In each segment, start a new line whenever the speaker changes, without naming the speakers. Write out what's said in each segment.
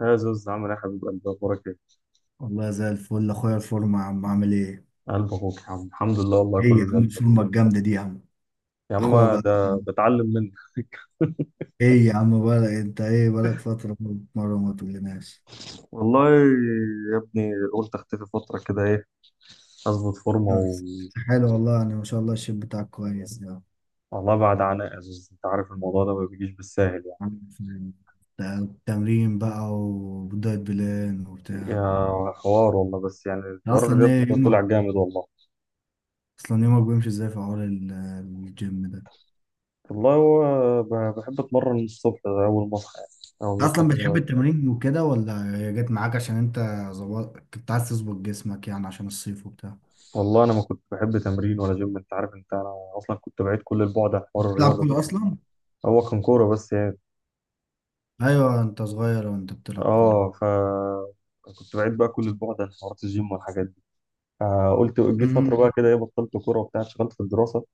يا زوز عامل ايه يا حبيب قلبي اخبارك ايه؟
والله زي الفل اخويا. الفورمة يا عم، عامل ايه؟
قلب اخوك يا عم الحمد لله والله
ايه يا
كله زي
عم
الفل.
الفورمة الجامدة دي يا عم؟
يا عم
اخويا بقى.
ده بتعلم منك.
ايه يا عم، بقى انت ايه بقالك فترة مرة ما تقولناش؟
والله يا ابني قلت اختفي فتره كده ايه اظبط فورمه و...
بس حلو والله، انا ما شاء الله الشيب بتاعك كويس يا
والله بعد عناء يا زوز، انت عارف الموضوع ده ما بيجيش بالساهل يعني.
عم. فاهم. تمرين بقى ودايت بلان
يا
وبتاع.
حوار والله بس يعني حوار
اصلا ايه
الرياضه ده
يومك؟
طلع جامد والله.
اصلا يومك بيمشي ازاي في حوار الجيم ده؟
والله هو بحب اتمرن الصبح ده اول ما اصحى يعني. اول ما اصحى
اصلا بتحب
كده.
التمرين وكده، ولا هي جت معاك عشان انت ظبط، كنت عايز تظبط جسمك يعني عشان الصيف وبتاع؟
والله انا ما كنت بحب تمرين ولا جيم، انت عارف انت انا اصلا كنت بعيد كل البعد عن حوار
بتلعب
الرياضه ده.
كورة اصلا؟
هو كان كوره بس يعني.
ايوه، انت صغير وانت بتلعب كورة.
اه ف كنت بعيد بقى كل اسبوع ده عن حوارات الجيم والحاجات دي. فقلت جيت فتره
امم
بقى كده ايه، بطلت كوره وبتاع، اشتغلت في الدراسه.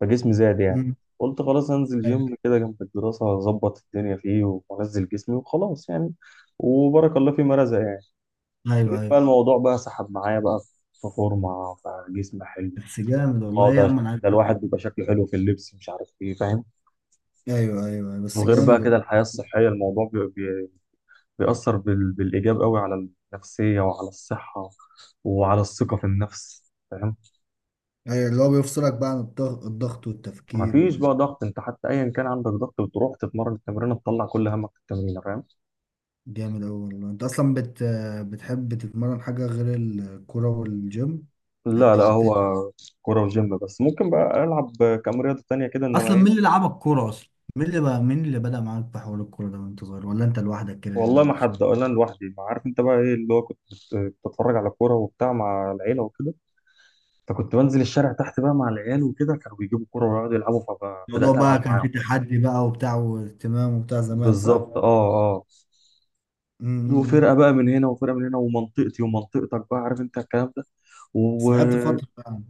فجسمي زاد يعني.
امم.
قلت خلاص انزل
ايوه
جيم كده جنب الدراسه اظبط الدنيا فيه وانزل جسمي وخلاص يعني. وبارك الله فيما رزق يعني.
ايوه
لقيت بقى
ايوه،
الموضوع بقى سحب معايا بقى، في فورمه فجسم حلو.
بس جامد والله.
اه
ايه يا عم، انا عارف.
ده الواحد بيبقى شكله حلو في اللبس، مش عارف ايه، فاهم.
ايوه ايوه أيوة، بس
وغير
جامد
بقى كده
والله.
الحياه الصحيه، الموضوع بيأثر بالإيجاب قوي على النفسية وعلى الصحة وعلى الثقة في النفس، فاهم.
ايوه، اللي هو بيفصلك بقى عن الضغط والتفكير
مفيش بقى ضغط، انت حتى ايا كان عندك ضغط بتروح تتمرن، التمرين تطلع كل همك في التمرين، فاهم.
جامد اوي والله. انت اصلا بتحب تتمرن حاجة غير الكورة والجيم؟ يعني
لا لا،
بتلعب
هو
تاني؟
كورة وجيم بس، ممكن بقى العب كام رياضة تانية كده انما
اصلا مين
ايه.
اللي لعبك كورة اصلا؟ مين اللي بقى، مين اللي بدأ معاك في حوار الكورة ده وانت صغير، ولا انت لوحدك كده
والله ما حد، ولا انا لوحدي، ما عارف انت بقى ايه اللي هو كنت بتتفرج على كورة وبتاع مع العيلة وكده. فكنت بنزل الشارع تحت بقى مع العيال وكده، كانوا بيجيبوا كورة ويقعدوا يلعبوا.
الموضوع
فبدأت ألعب
بقى كان فيه
معاهم.
تحدي بقى وبتاع واهتمام وبتاع زمان، صح؟
بالظبط، اه اه. وفرقه
امم.
بقى من هنا وفرقه من هنا، ومنطقتي ومنطقتك بقى، عارف انت الكلام ده.
بس لعبت
وكتير.
فترة يعني؟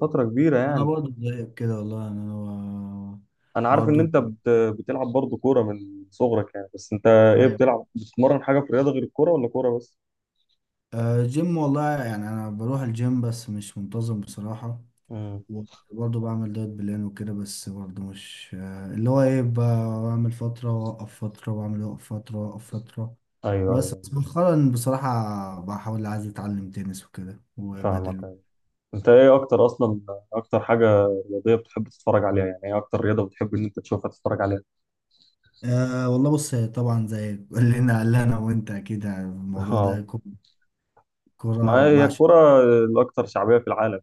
فتره كبيره
انا
يعني.
برضو زيك كده والله، يعني انا
انا عارف ان
برضو.
انت بت... بتلعب برضه كوره من صغرك يعني، بس انت ايه
ايوه،
بتلعب، بتتمرن حاجه في الرياضه غير الكوره ولا كوره بس؟
آه، جيم والله، يعني انا بروح الجيم بس مش منتظم بصراحة.
امم،
وبرضو بعمل دايت بلان وكده، بس برضو مش آه، اللي هو ايه بعمل فترة واوقف فترة، واعمل اوقف فترة واوقف فترة.
ايوه
بس
ايوه،
بس مؤخرا بصراحة، بحاول عايز اتعلم تنس وكده
فاهمك،
وبدل.
ايوه. انت ايه اكتر اصلا، اكتر حاجه رياضيه بتحب تتفرج عليها؟ يعني ايه اكتر رياضه بتحب ان انت تشوفها تتفرج عليها؟
أه والله بص، طبعا زي كلنا قال انا وانت، اكيد يعني الموضوع ده
اه، ما
كورة.
هي الكوره الاكثر شعبيه في العالم.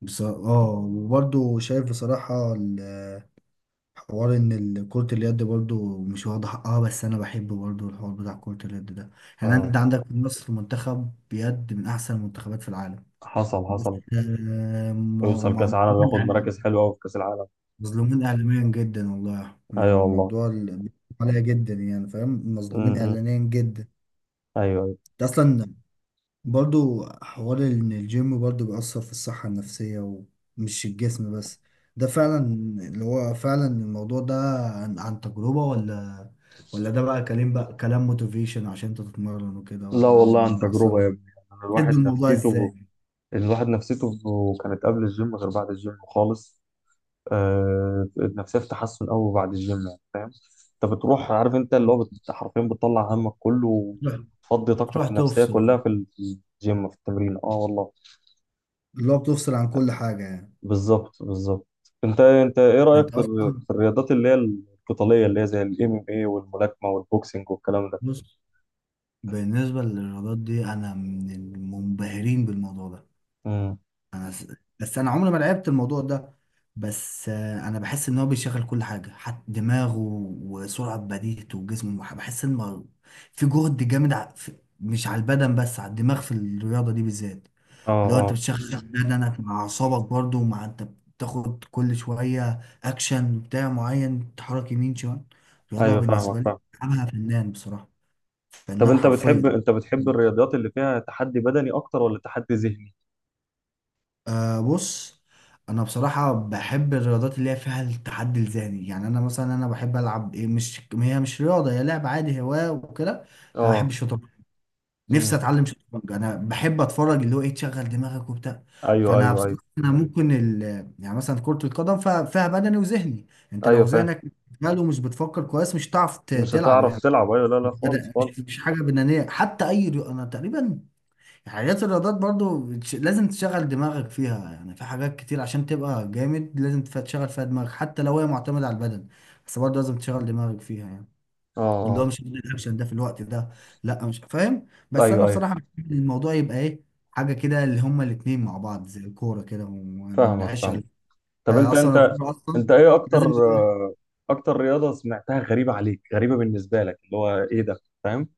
بس اه، وبرضه شايف بصراحة حوار ان كرة اليد برضه مش واخدة حقها، بس انا بحب برضه الحوار بتاع كرة اليد ده. يعني
اه،
انت عندك في مصر منتخب يد من احسن المنتخبات في العالم.
حصل
بس
حصل.
آه،
ويوصل كاس عالم
مظلومين
وياخد مراكز حلوه قوي في كاس العالم.
مظلومين اعلاميا جدا والله. يعني
ايوه والله.
الموضوع عليا جدا يعني، فاهم؟ مظلومين
امم،
اعلاميا جدا.
ايوه ايوه.
ده اصلا برضو حوار ان الجيم برضو بيأثر في الصحة النفسية ومش الجسم بس. ده فعلا اللي هو فعلا الموضوع ده عن تجربة، ولا، ولا ده بقى كلام، بقى كلام موتيفيشن عشان انت تتمرن وكده،
لا
ولا
والله
ان
عن تجربه
اصلا
يا ابني. يعني
بتدي
الواحد
الموضوع
نفسيته،
ازاي؟
الواحد نفسيته كانت قبل الجيم غير بعد الجيم خالص. آه، النفسيه في تحسن قوي بعد الجيم يعني، فاهم. انت بتروح، عارف انت اللي هو حرفيا بتطلع همك كله،
بتروح،
وتفضي
بتروح
طاقتك النفسيه
تفصل،
كلها في في الجيم، في التمرين. اه والله.
اللي هو بتفصل عن كل حاجة يعني؟
بالظبط بالظبط. انت، انت ايه رايك
انت
في
اصلا،
في الرياضات اللي هي القتاليه، اللي هي زي الام ام اي والملاكمه والبوكسنج والكلام ده؟
بص، بالنسبة للرياضات دي، انا من المنبهرين بالموضوع ده.
امم،
انا س- بس انا عمري ما لعبت الموضوع ده. بس آه، انا بحس ان هو بيشغل كل حاجه، حتى دماغه وسرعه بديهته وجسمه. بحس ان في جهد جامد مش على البدن بس، على الدماغ في الرياضه دي بالذات.
اه
اللي هو انت
اه،
بتشغل بدنك مع اعصابك برضه، ومع انت بتاخد كل شويه اكشن بتاع معين، تحرك يمين شمال. الرياضه
ايوه،
بالنسبه
فاهمك
لي
فاهمك.
بلعبها فنان بصراحه،
طب
فنان
انت بتحب،
حرفيا.
انت بتحب الرياضيات اللي فيها تحدي بدني اكتر ولا تحدي ذهني؟
أه بص، انا بصراحه بحب الرياضات اللي هي فيها التحدي الذهني. يعني انا مثلا، انا بحب العب ايه، مش هي مش رياضه، هي لعب عادي، هوايه وكده. انا بحب
اه،
الشطرنج. نفسي
امم،
اتعلم شطرنج. انا بحب اتفرج، اللي هو ايه، تشغل دماغك وبتاع.
ايوه
فانا
ايوه ايوه
بصراحه انا ممكن يعني مثلا كره القدم، فيها فيها بدني وذهني. انت
ايوه،
لو
فاهم،
ذهنك مشغول ومش بتفكر كويس، مش هتعرف
مش
تلعب
هتعرف
يعني.
تلعب، ايوه، لا لا
مش
خالص
بدأ- مش
خالص.
مش حاجه بدنيه، حتى اي رياضه انا تقريبا. حاجات الرياضات برضو لازم تشغل دماغك فيها يعني. في حاجات كتير عشان تبقى جامد لازم تشغل فيها دماغك، حتى لو هي معتمدة على البدن، بس برضو لازم تشغل دماغك فيها يعني.
اه
اللي هو
اه،
مش هعمل الاكشن ده في الوقت ده. لا مش فاهم، بس انا
ايوه ايوه،
بصراحة بحب الموضوع يبقى ايه، حاجة كده اللي هما الاتنين مع بعض، زي الكورة كده، وما
فاهمك
نعيش
فاهم. طب
ده
انت،
اصلا
انت،
الكورة اصلا
انت ايه اكتر
لازم.
آه، اكتر رياضة سمعتها غريبة عليك، غريبة بالنسبة لك، اللي هو ايه ده، فاهم؟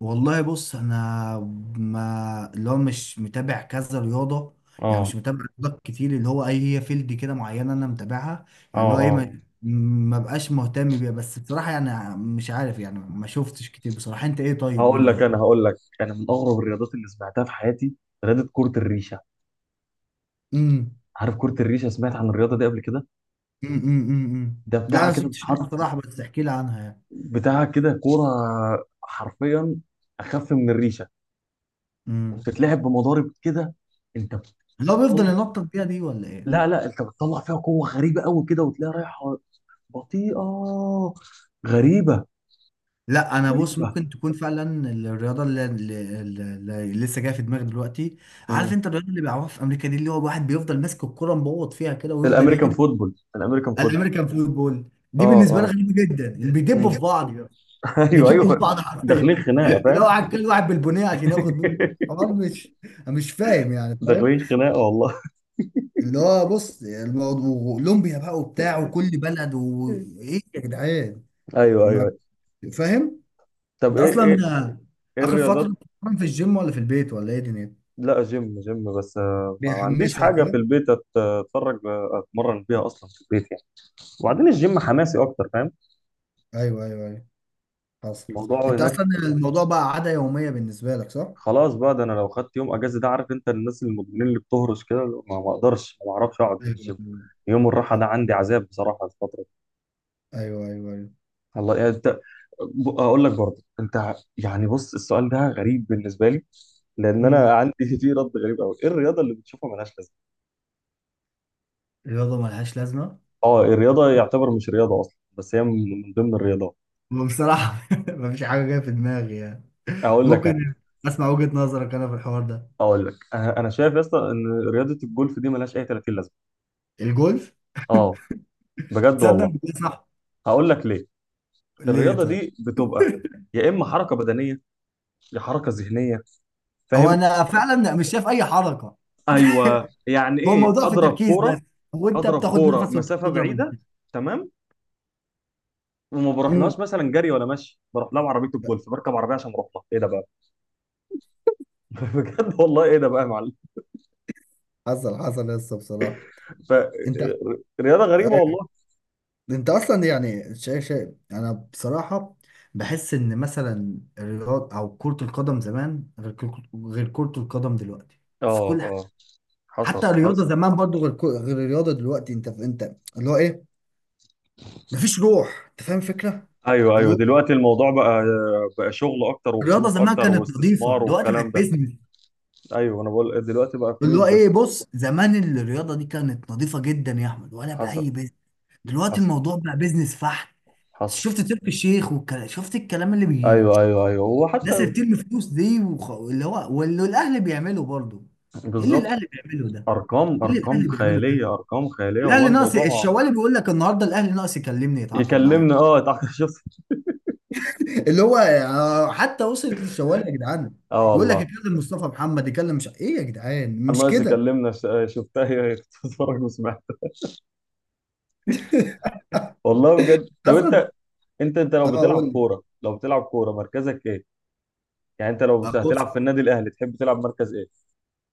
والله بص، انا ما اللي هو مش متابع كذا رياضه. يعني
اه
مش متابع رياضات كتير، اللي هو اي هي فيلد كده معينه انا متابعها.
اه
يعني اللي هو ايه،
اه.
ما بقاش مهتم بيها. بس بصراحه يعني مش عارف، يعني ما شفتش كتير بصراحه. انت ايه؟ طيب قول
هقول
لي
لك
لا.
انا، هقول لك انا، من اغرب الرياضات اللي سمعتها في حياتي رياضة كرة الريشة.
امم
عارف كرة الريشة؟ سمعت عن الرياضة دي قبل كده؟
أمم.
ده
لا
بتاعها
انا
كده
شفتش
بتتحط،
بصراحه، بس احكي لي عنها يعني.
بتاع كده كوره حرفيا اخف من الريشه،
امم.
بتتلعب بمضارب كده. انت بتطلع،
اللي هو بيفضل ينطط بيها دي، ولا ايه؟
لا لا، انت بتطلع فيها قوه غريبه قوي كده وتلاقيها رايحه بطيئه، غريبه،
لا انا بص،
غريبه.
ممكن تكون فعلا الرياضه اللي لسه جايه في دماغي دلوقتي. عارف
مم.
انت الرياضه اللي بيلعبوها في امريكا دي، اللي هو الواحد بيفضل ماسك الكره مبوط فيها كده ويفضل
الامريكان
يجري؟
فوتبول، الامريكان فوتبول.
الامريكان فوتبول دي
اه
بالنسبه لي
اه،
غريبه جدا، إن
مم.
بيدبوا في بعض يعني.
ايوه
بيدبوا في
ايوه.
بعض حرفيا.
داخلين خناقه
تلاقي
فاهم.
واحد، كل واحد بالبنيه عشان ياخد منه. الحوار مش، أنا مش فاهم يعني، فاهم؟
داخلين خناقه والله.
اللي هو بص الموضوع اولمبيا بقى وبتاع، وكل بلد وايه يا جدعان.
ايوه ايوه
ما-
أيوة.
فاهم.
طب
انت
ايه
اصلا
ايه، ايه
اخر فتره
الرياضات.
بتتمرن في الجيم ولا في البيت، ولا ايه دنيتك؟
لا جيم جيم بس، آه، ما ما عنديش
بيحمسك
حاجه في
ها.
البيت اتفرج آه، اتمرن بيها اصلا في البيت. وبعدين الجيم حماسي اكتر، فاهم.
ايوه ايوه ايوه، حصل حصل.
الموضوع
انت
هناك.
اصلا الموضوع بقى عاده يوميه بالنسبه لك، صح؟
خلاص بقى، ده انا لو خدت يوم اجازه ده، عارف انت الناس المدمنين اللي بتهرش كده، اللي هو ما ما اقدرش، ما بعرفش اقعد من
ايوه
الجيم. يوم الراحه ده عندي عذاب بصراحه الفتره دي.
ايوه ايوه ايوه. ايوه.
الله يعني، انت اقول لك برضه، انت يعني بص السؤال ده غريب بالنسبه لي، لان
امم.
انا عندي فيه رد غريب قوي. ايه الرياضه اللي بتشوفها ملهاش لازمه؟
الرياضه ملهاش لازمه؟
اه، الرياضه يعتبر مش رياضه اصلا، بس هي من من ضمن الرياضات.
هو بصراحه مفيش حاجه جايه في دماغي يعني.
اقول لك انا،
ممكن اسمع وجهه نظرك انا في الحوار ده.
اقول لك انا، أنا شايف يا اسطى ان رياضه الجولف دي ملهاش اي 30 لازمه.
الجولف؟
اه، بجد
تصدق
والله.
إن ده صح؟
هقول لك ليه.
ليه
الرياضه
طيب؟
دي بتبقى يا اما حركه بدنيه يا حركه ذهنيه،
هو
فاهم.
انا فعلا مش شايف اي حركه.
ايوه، يعني
هو
ايه
الموضوع في
اضرب
تركيز بس،
كوره،
وانت
اضرب
بتاخد
كوره
نفس وانت
مسافه
بتضرب.
بعيده، تمام، وما
البيت.
بروحلهاش مثلا جري ولا مشي، بروح لها بعربيه الجولف، بركب عربيه عشان اروح لها، ايه ده بقى؟ بجد والله ايه ده بقى يا معلم.
حصل حصل. لسه بصراحة انت
فرياضه غريبه
أيوة.
والله.
انت اصلا يعني شايف، شايف انا بصراحة بحس ان مثلا الرياضة او كرة القدم زمان غير غير كرة القدم دلوقتي، في
اه
كل
اه،
حاجة.
حصل
حتى الرياضة
حصل.
زمان برضو غير غير الرياضة دلوقتي. انت، انت اللي هو ايه، مفيش روح، انت فاهم الفكرة؟
ايوه
اللي
ايوه،
هو
دلوقتي الموضوع بقى، بقى شغل اكتر
الرياضة
وفلوس
زمان
اكتر
كانت
واستثمار
نظيفة، دلوقتي بقت
والكلام ده.
بيزنس.
ايوه، انا بقول دلوقتي بقى
اللي
فلوس
هو ايه
بس.
بص، زمان الرياضة دي كانت نظيفة جدا يا احمد، ولا
حصل
بأي. دلوقتي
حصل
الموضوع بقى بيزنس بحت.
حصل.
شفت تركي الشيخ شفت الكلام اللي بي
ايوه ايوه ايوه، وحتى
الناس اللي بترمي فلوس دي اللي هو واللي الاهلي بيعمله برضه. ايه اللي
بالظبط.
الاهلي بيعمله ده؟
ارقام
ايه اللي
ارقام
الاهلي بيعمله
خياليه،
ده؟
ارقام خياليه والله
الاهلي ناقص
الموضوع.
الشوالي، بيقول لك النهارده الاهلي ناقص يكلمني يتعاقد معايا.
يكلمنا اه، تعال شوف.
اللي هو آه، حتى وصلت للشوالي يا جدعان.
اه
يقول لك
والله.
يكلم مصطفى محمد، يكلم مش ايه يا جدعان، مش
الناقص
كده.
يكلمنا. شفتها هي تتفرج وسمعت. والله بجد. طب انت،
قصد.
انت، انت
اه
لو بتلعب
قول لي.
كوره، لو بتلعب كوره مركزك ايه؟ يعني انت لو
آه، بص،
هتلعب في النادي الاهلي تحب تلعب مركز ايه؟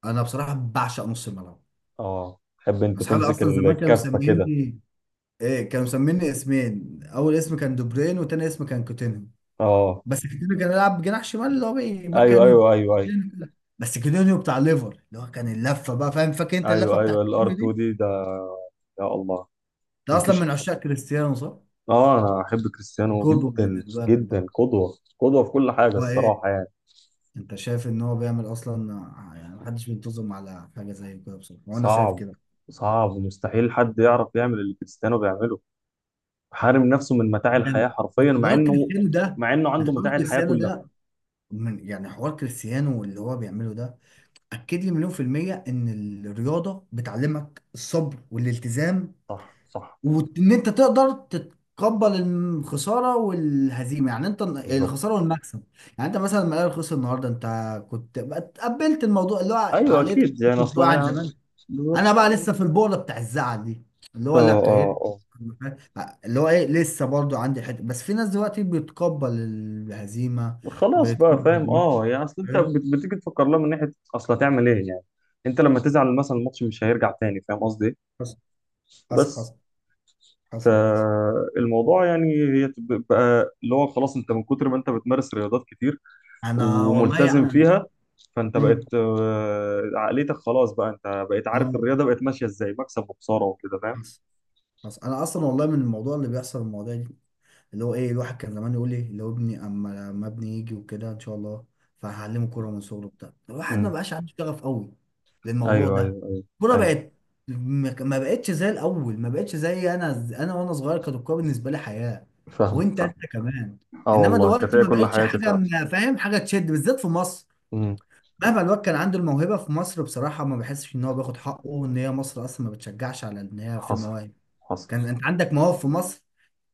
انا بصراحه بعشق نص الملعب.
اه تحب انت
اصحابي
تمسك
اصلا زمان كانوا
الكفه كده.
مسميني، ايه، كانوا مسميني اسمين. اول اسم كان دوبرين، وتاني اسم كان كوتينيو.
اه،
بس كوتينيو كان يلعب جناح شمال، اللي هو ما
ايوه
كان.
ايوه ايوه ايوه
بس كوتينيو بتاع ليفر اللي هو كان اللفه بقى، فاهم؟ فاكر انت اللفه
ايوه
بتاع
ايوه. الار
كوتينيو
2
دي؟
دي ده. يا الله.
ده اصلا
مفيش.
من عشاق كريستيانو، صح؟
اه، انا احب كريستيانو
القدوه
جدا
بالنسبه لك
جدا،
ده.
قدوه قدوه في كل حاجه
هو ايه،
الصراحه يعني.
انت شايف ان هو بيعمل اصلا يعني محدش بينتظم على حاجه زي كده بصراحه، وانا شايف
صعب،
كده.
صعب، مستحيل حد يعرف يعمل اللي كريستيانو بيعمله. حارم نفسه من متاع
يعني
الحياه
من
حرفيا مع
حوار
انه،
كريستيانو ده،
مع انه
من
عنده
حوار
متاع الحياه
كريستيانو
كلها.
ده، من يعني حوار كريستيانو اللي هو بيعمله ده، اكد لي مليون في المية ان الرياضة بتعلمك الصبر والالتزام،
صح صح.
وان انت تقدر تتقبل الخسارة والهزيمة. يعني انت
بالظبط.
الخسارة والمكسب. يعني انت مثلا لما الاهلي خسر النهاردة، انت كنت تقبلت الموضوع، اللي هو
ايوه
عقليتك
اكيد يعني،
كنت
اصلا
واعي عن
يعني.
زمان. انا
بالظبط.
بقى لسه في البؤرة بتاع الزعل دي، اللي
اه
هو لا
اه
كيت،
اه.
اللي هو ايه لسه برضو عندي حته. بس في ناس دلوقتي بتقبل الهزيمة،
خلاص بقى
بيتقبل
فاهم،
المكسب،
اه، يعني اصل انت
فاهم؟
بتيجي تفكر لها من ناحيه، اصلا تعمل ايه يعني. انت لما تزعل مثلا، الماتش مش هيرجع تاني، فاهم قصدي إيه؟
حصل حصل.
بس.
حصل حصل حصل.
فالموضوع يعني هي بقى اللي هو خلاص، انت من كتر ما انت بتمارس رياضات كتير
انا والله
وملتزم
يعني انا،
فيها، فانت
امم،
بقت آه، عقليتك خلاص بقى، انت بقيت عارف
انا،
الرياضه بقت ماشيه ازاي، مكسب وخساره وكده، فاهم.
بس، بس انا اصلا والله من الموضوع اللي بيحصل، المواضيع دي، اللي هو ايه، الواحد كان زمان يقول لي اللي هو ابني، اما لما ابني يجي وكده ان شاء الله، فهعلمه كوره من صغره بتاع الواحد ما
امم،
بقاش عنده شغف قوي للموضوع
ايوه
ده.
ايوه ايوه
الكوره
ايوه،
بقت، ما بقتش زي الاول. ما بقتش زي انا، انا وانا صغير كانت الكوره بالنسبه لي حياه.
فاهمك
وانت،
فاهم.
انت كمان.
اه
انما
والله كانت
دلوقتي
هي
ما
كل
بقتش
حياتي
حاجه
فعلا.
فاهم، حاجه تشد، بالذات في مصر.
امم،
مهما الواد كان عنده الموهبة في مصر، بصراحة ما بحسش إن هو بياخد حقه، وإن هي مصر أصلا ما بتشجعش على إن هي في
حصل
مواهب.
حصل.
كان أنت عندك مواهب في مصر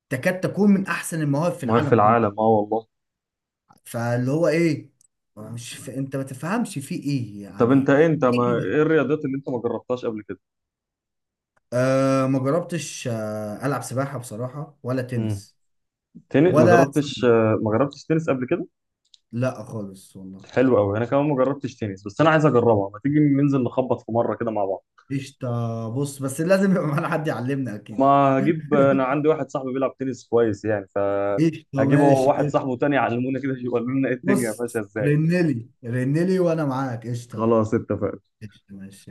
تكاد تكون من أحسن المواهب في
ما هي في
العالم كله.
العالم، اه والله.
فاللي هو إيه، هو مش أنت ما تفهمش في إيه
طب انت
يعني.
ايه، انت ما،
إيه كده؟
ايه الرياضات اللي انت ما جربتهاش قبل كده؟
آه ما جربتش، آه ألعب سباحة بصراحة ولا
امم،
تنس.
تنس، ما
ولا،
جربتش آه، ما جربتش تنس قبل كده.
لا خالص والله.
حلو قوي، انا كمان ما جربتش تنس بس انا عايز اجربها، ما تيجي ننزل نخبط في مره كده مع بعض.
قشطة، بص، بس لازم يبقى معانا حد يعلمنا
ما
أكيد.
هجيب، انا عندي واحد صاحبي بيلعب تنس كويس يعني
قشطة،
فهجيبه،
ماشي
واحد
كده.
صاحبه تاني يعلمونا كده، يقول لنا ايه الدنيا
بص،
ماشيه ازاي.
رنلي، وانا معاك. قشطة.
خلاص اتفقنا.
قشطة، ماشي.